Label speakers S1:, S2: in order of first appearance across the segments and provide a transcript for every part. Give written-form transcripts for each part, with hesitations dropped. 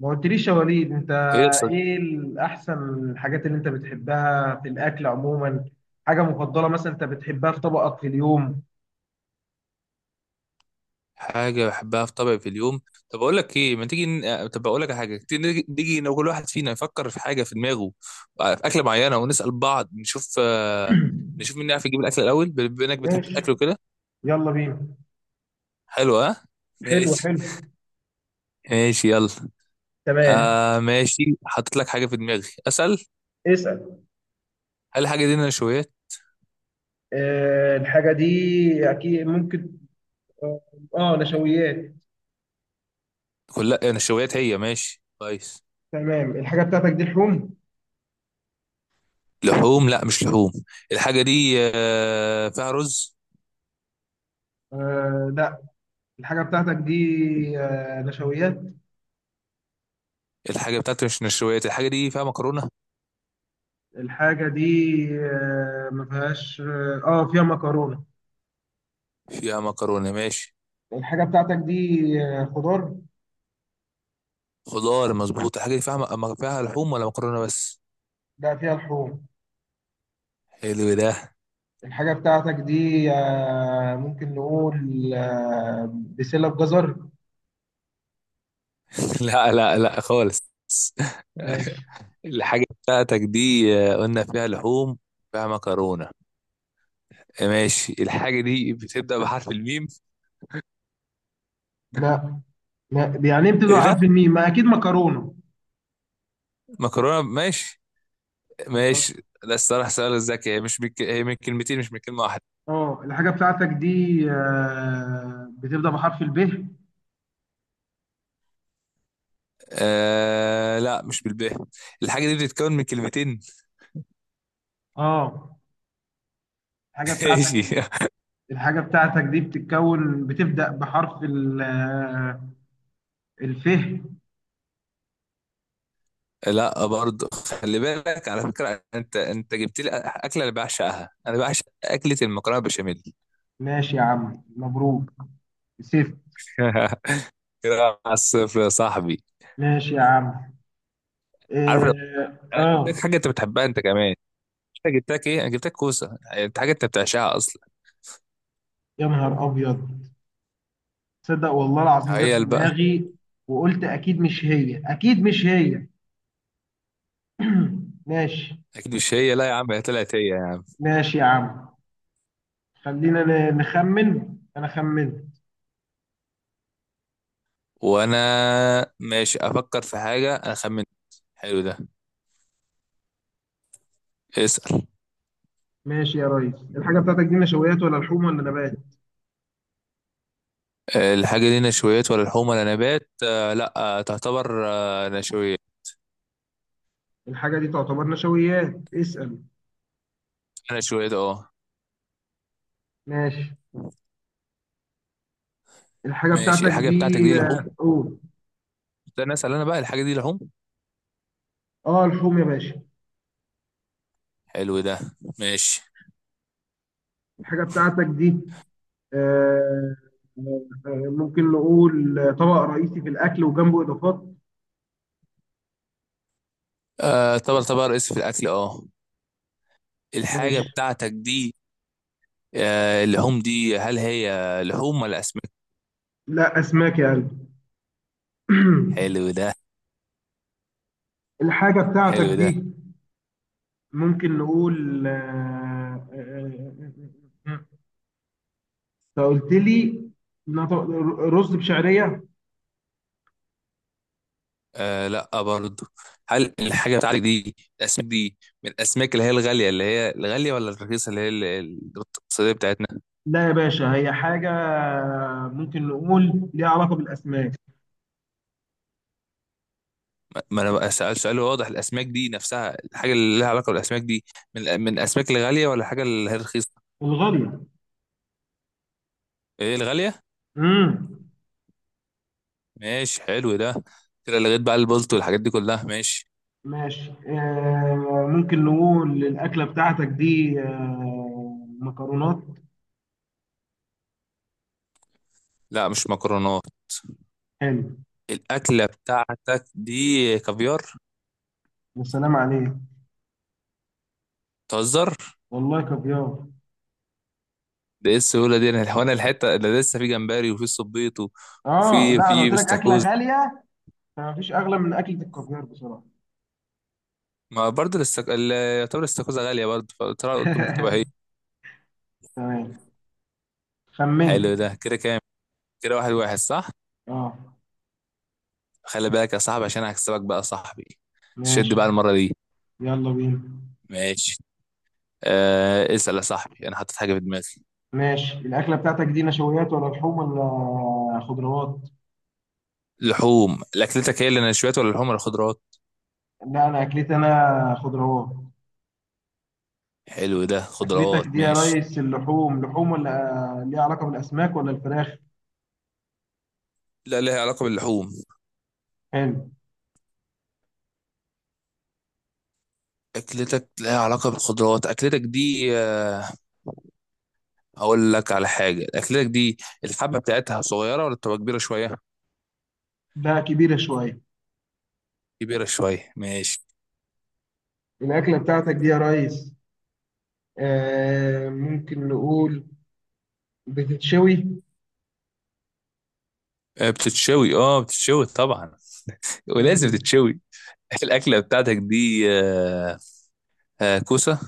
S1: ما قلتليش يا وليد انت،
S2: ايه يا صديقي.
S1: ايه الاحسن الحاجات اللي انت بتحبها في الاكل عموما؟ حاجه مفضله مثلا انت بتحبها في طبقك في اليوم؟
S2: حاجة بحبها في طبعي في اليوم؟ طب اقول لك ايه؟ ما تيجي ن... آه، طب اقول لك على حاجة، تيجي نيجي لو كل واحد فينا يفكر في حاجة في دماغه، في أكلة معينة، ونسأل بعض نشوف، نشوف مين يعرف يجيب الأكل الأول بما إنك بتحب
S1: ماشي،
S2: الأكل وكده.
S1: يلا بينا.
S2: حلو، ها،
S1: حلو
S2: ماشي.
S1: حلو.
S2: ماشي يلا.
S1: تمام.
S2: آه ماشي، حطيت لك حاجة في دماغي، أسأل.
S1: اسال.
S2: هل الحاجة دي نشويات؟
S1: اه الحاجه دي اكيد ممكن. اه، نشويات.
S2: كلها نشويات هي، ماشي كويس.
S1: تمام. الحاجه بتاعتك دي لحوم؟
S2: لحوم؟ لا مش لحوم. الحاجة دي فيها رز.
S1: آه لا. الحاجه بتاعتك دي نشويات.
S2: الحاجة بتاعتي مش نشويات، الحاجة دي فيها مكرونة.
S1: الحاجه دي ما فيهاش اه، فيها مكرونه.
S2: فيها مكرونة، ماشي.
S1: الحاجه بتاعتك دي خضار؟
S2: خضار مظبوط. الحاجة دي فيها لحوم ولا مكرونة بس؟
S1: لا فيها لحوم.
S2: حلو ده.
S1: الحاجة بتاعتك دي ممكن نقول بسلة بجزر.
S2: لا لا لا خالص.
S1: ماشي.
S2: الحاجة بتاعتك دي قلنا فيها لحوم، فيها مكرونة، ماشي. الحاجة دي بتبدأ بحرف الميم؟
S1: لا لا. يعني إيه بتبدأ
S2: ايه ده!
S1: حرف الميم؟ ما أكيد مكرونة.
S2: مكرونة، ماشي،
S1: أنت قلت-
S2: ماشي. ده الصراحة سؤال ذكي. هي من كلمتين، مش من كلمة واحدة.
S1: اه الحاجة بتاعتك دي بتبدأ بحرف الب؟
S2: آه لا، مش بالباء. الحاجة دي بتتكون من كلمتين.
S1: اه الحاجة بتاعتك.
S2: ماشي.
S1: الحاجة بتاعتك دي بتبدأ بحرف ال الف.
S2: لا برضه. خلي بالك على فكرة، انت جبت لي اكلة انا بعشقها، انا بعشق اكلة المكرونة بشاميل.
S1: ماشي يا عم، مبروك سيف.
S2: كده، على الصفر يا صاحبي.
S1: ماشي يا عم.
S2: عارف، لو
S1: اه
S2: انا جبت لك حاجة انت بتحبها انت كمان، انا جبت لك ايه؟ انا جبت لك كوسة، انت حاجة انت بتعشقها اصلا.
S1: يا نهار أبيض، تصدق والله العظيم جت في
S2: هي بقى.
S1: دماغي وقلت اكيد مش هي، اكيد مش هي. ماشي.
S2: اكيد مش هي؟ لا يا عم، هي طلعت هي يعني.
S1: ماشي يا عم. خلينا نخمن، انا خمنت.
S2: وانا ماشي افكر في حاجة، انا خمنت. حلو ده، اسأل.
S1: ماشي يا ريس، الحاجه بتاعتك دي نشويات ولا لحوم ولا نبات؟
S2: الحاجة دي نشويات ولا لحوم ولا نبات؟ لا، تعتبر نشويات.
S1: الحاجه دي تعتبر نشويات. اسال.
S2: نشويات، اه.
S1: ماشي الحاجه
S2: ماشي.
S1: بتاعتك
S2: الحاجة بتاعتك
S1: دي
S2: دي لحوم؟
S1: قول.
S2: ده انا اسال انا بقى، الحاجه دي لحوم؟
S1: اه لحوم يا باشا.
S2: حلو ده، ماشي.
S1: الحاجه بتاعتك دي آه، ممكن نقول طبق رئيسي في الاكل وجنبه اضافات؟
S2: آه طبعا طبعا، رئيس في الاكل، اه. الحاجه
S1: ماشي.
S2: بتاعتك دي اللحوم دي، هل هي لحوم ولا اسماك؟
S1: لا اسماك يا قلبي.
S2: حلو ده.
S1: الحاجة بتاعتك
S2: حلو ده.
S1: دي ممكن نقول آه، انت قلت لي نط- رز بشعرية؟
S2: آه لا برضو. هل الحاجه بتاعتك دي الاسماك دي، من الاسماك اللي هي الغاليه، اللي هي الغاليه، ولا الرخيصه اللي هي الاقتصاديه بتاعتنا؟
S1: لا يا باشا، هي حاجة ممكن نقول ليها علاقة بالأسماك.
S2: ما انا بقى سأل سؤال واضح، الاسماك دي نفسها، الحاجه اللي لها علاقه بالاسماك دي، من الاسماك الغاليه ولا الحاجه اللي هي الرخيصه؟
S1: الغالية.
S2: ايه، الغاليه؟
S1: امم.
S2: ماشي حلو ده. كده لغيت بقى البلط والحاجات دي كلها، ماشي.
S1: ماشي، آه ممكن نقول الأكلة بتاعتك دي آه مكرونات؟
S2: لا مش مكرونات.
S1: حلو.
S2: الاكله بتاعتك دي كافيار.
S1: والسلام عليك.
S2: تهزر؟
S1: والله كافيار.
S2: ده ايه السهوله دي! انا الحته اللي لسه في جمبري وفي صبيط و-
S1: اه
S2: وفي
S1: لا، انا قلت لك اكله
S2: بستاكوزا.
S1: غاليه، فمفيش اغلى من اكله الكافيار بصراحه.
S2: ما برضه يعتبر الاستاكوزا غاليه برضه، قلت ممكن تبقى هي.
S1: تمام،
S2: حلو
S1: خمنت.
S2: ده. كده كام؟ كده 1-1، صح؟
S1: اه.
S2: خلي بالك يا صاحبي، عشان هكسبك بقى يا صاحبي. شد
S1: ماشي،
S2: بقى المره دي.
S1: يلا بينا.
S2: ماشي. آه اسال يا صاحبي، انا حطيت حاجه في دماغي.
S1: ماشي الأكلة بتاعتك دي نشويات ولا لحوم ولا خضروات؟
S2: لحوم. اكلتك هي اللي نشويات ولا اللحوم ولا خضروات؟
S1: لا، أنا أكلتي أنا خضروات.
S2: حلو ده،
S1: أكلتك
S2: خضروات،
S1: دي يا
S2: ماشي.
S1: ريس اللحوم، لحوم ولا ليها علاقة بالأسماك ولا الفراخ؟
S2: لا، لها علاقة باللحوم.
S1: حلو
S2: اكلتك لها علاقة بالخضروات. اكلتك دي هقول لك على حاجة. اكلتك دي الحبة بتاعتها صغيرة ولا بتبقى كبيرة شوية؟
S1: ده. كبيرة شوية.
S2: كبيرة شوية، ماشي.
S1: الأكلة بتاعتك دي يا ريس آه ممكن نقول بتتشوي؟
S2: بتتشوي؟ اه بتتشوي طبعا، ولازم
S1: مم.
S2: تتشوي. الاكلة بتاعتك دي كوسة؟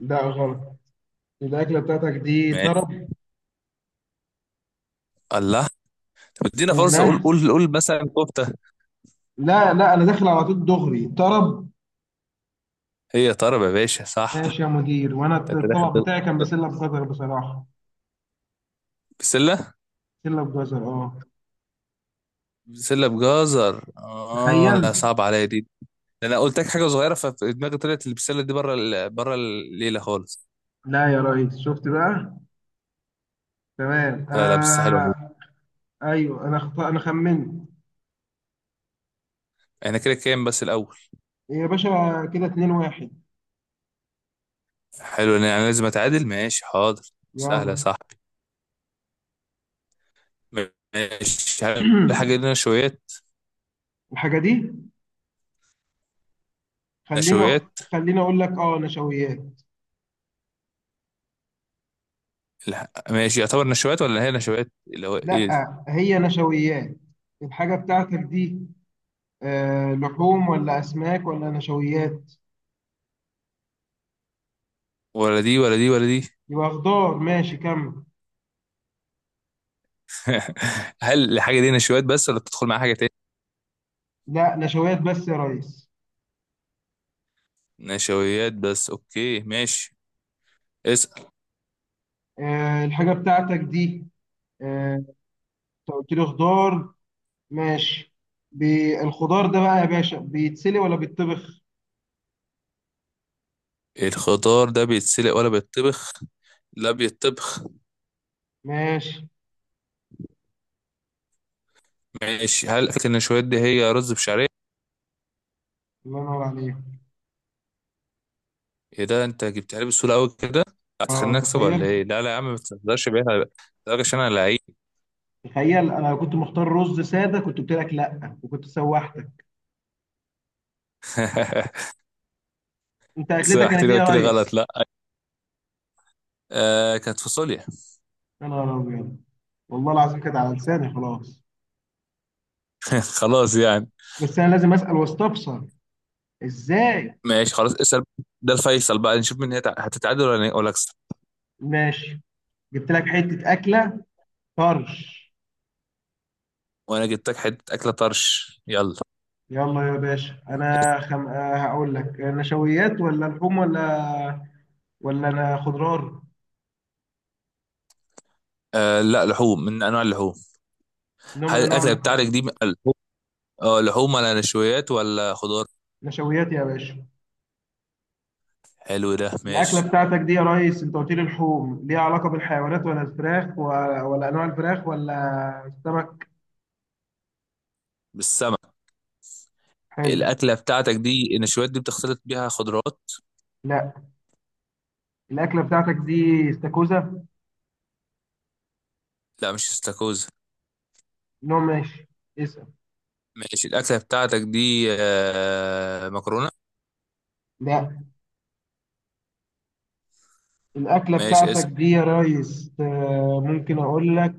S1: لا غلط. الأكلة بتاعتك دي
S2: ماشي.
S1: طرب.
S2: الله! طب ادينا فرصة، قول
S1: النهر.
S2: قول قول، مثلا كفتة.
S1: لا لا، أنا داخل على طول دغري طرب.
S2: هي طرب يا باشا، صح.
S1: ماشي يا مدير، وانا
S2: انت داخل.
S1: الطبق بتاعي كان بسله بجزر بصراحه.
S2: بسلة؟
S1: بسله بجزر اه.
S2: بسلة بجزر، اه،
S1: تخيل.
S2: لا صعب عليا دي. ده انا قلت لك حاجه صغيره ففي دماغي، طلعت البسله دي بره بره الليله خالص.
S1: لا يا ريس، شفت بقى. تمام
S2: لا لا، بس حلوه دي.
S1: انا. ايوه انا انا خمنت
S2: احنا كده كام بس الاول؟
S1: يا باشا. كده 2 1.
S2: حلو، انا يعني لازم اتعادل، ماشي حاضر. سهله يا
S1: يلا.
S2: صاحبي. ماشي، هل الحاجه دي نشويات؟
S1: الحاجه دي، خلينا،
S2: نشويات.
S1: خلينا اقول لك اه نشويات.
S2: لا. ماشي، يعتبر نشويات ولا هي نشويات اللي هو ايه ده؟
S1: لا هي نشويات. الحاجه بتاعتك دي آه لحوم ولا اسماك ولا نشويات؟
S2: ولا دي ولا دي ولا دي.
S1: يبقى خضار، ماشي كمل.
S2: هل الحاجه دي نشويات بس ولا بتدخل معاها حاجه تاني؟
S1: لا نشويات بس يا ريس.
S2: نشويات بس، اوكي، ماشي، اسأل.
S1: الحاجة بتاعتك دي آه، انت قلت لي خضار، ماشي. الخضار ده بقى يا باشا بيتسلي ولا بيتطبخ؟
S2: الخضار ده بيتسلق ولا بيتطبخ؟ لا بيتطبخ.
S1: ماشي.
S2: ماشي، هل فكرة ان شوية دي هي رز بشعرية؟
S1: الله ينور عليك.
S2: ايه ده! انت جبتها لي بسهولة قوي كده، هتخليني
S1: اه
S2: اكسب
S1: تخيل.
S2: ولا ايه؟ لا لا يا عم، ما تهزرش بيها، لا. لا، عشان انا لعيب.
S1: تخيل انا لو كنت مختار رز سادة كنت قلت لك لا وكنت سوحتك. انت اكلتك كانت
S2: سمحتني
S1: ايه
S2: قلت
S1: يا
S2: لي غلط،
S1: ريس؟
S2: لا. آه، كانت فاصوليا.
S1: يا نهار ابيض، والله العظيم كانت على لساني خلاص.
S2: خلاص يعني.
S1: بس انا لازم اسال واستفسر، ازاي؟
S2: ماشي خلاص، اسأل. ده الفيصل بقى، نشوف مين هتتعادل ولا اكسب.
S1: ماشي. جبت لك حتة اكلة طرش.
S2: وانا جبت لك حتة اكلة، طرش، يلا.
S1: يلا يا باشا، انا خم... آه، هقول لك نشويات ولا لحوم ولا، ولا انا خضار؟
S2: آه لا، لحوم، من انواع اللحوم.
S1: نوع
S2: هل
S1: من انواع
S2: الاكلة بتاعتك
S1: اللحوم.
S2: دي من اللحوم؟ اه، لحوم ولا نشويات ولا خضار؟
S1: نشويات يا باشا.
S2: حلو ده
S1: الاكله
S2: ماشي.
S1: بتاعتك دي يا ريس انت قلت لي لحوم، ليها علاقه بالحيوانات ولا الفراخ ولا, ولا انواع الفراخ ولا السمك؟
S2: بالسمنة.
S1: حلو.
S2: الأكلة بتاعتك دي، النشويات دي، بتختلط بيها خضروات؟
S1: لا. الاكله بتاعتك دي استاكوزا؟
S2: لا مش استاكوزا.
S1: نوع. ماشي، اسال.
S2: ماشي، الأكلة بتاعتك دي مكرونة؟
S1: لا. الاكله
S2: ماشي
S1: بتاعتك
S2: اسأل.
S1: دي يا ريس ممكن اقول لك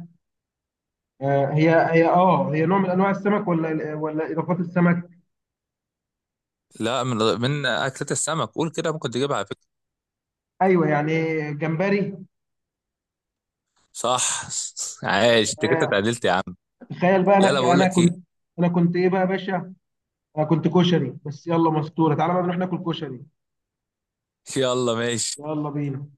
S1: هي نوع من انواع السمك ولا اضافات السمك؟
S2: لا، من أكلة السمك، قول كده ممكن تجيبها على فكرة.
S1: ايوه يعني. جمبري.
S2: صح! عايش انت كده،
S1: تمام.
S2: اتعدلت يا عم.
S1: تخيل بقى انا
S2: لا لا، بقول
S1: انا
S2: لك ايه.
S1: كنت. انا كنت ايه بقى يا باشا؟ انا كنت كشري. بس يلا مستوره، تعالى بقى نروح ناكل كشري.
S2: يلا ماشي.
S1: يلا بينا.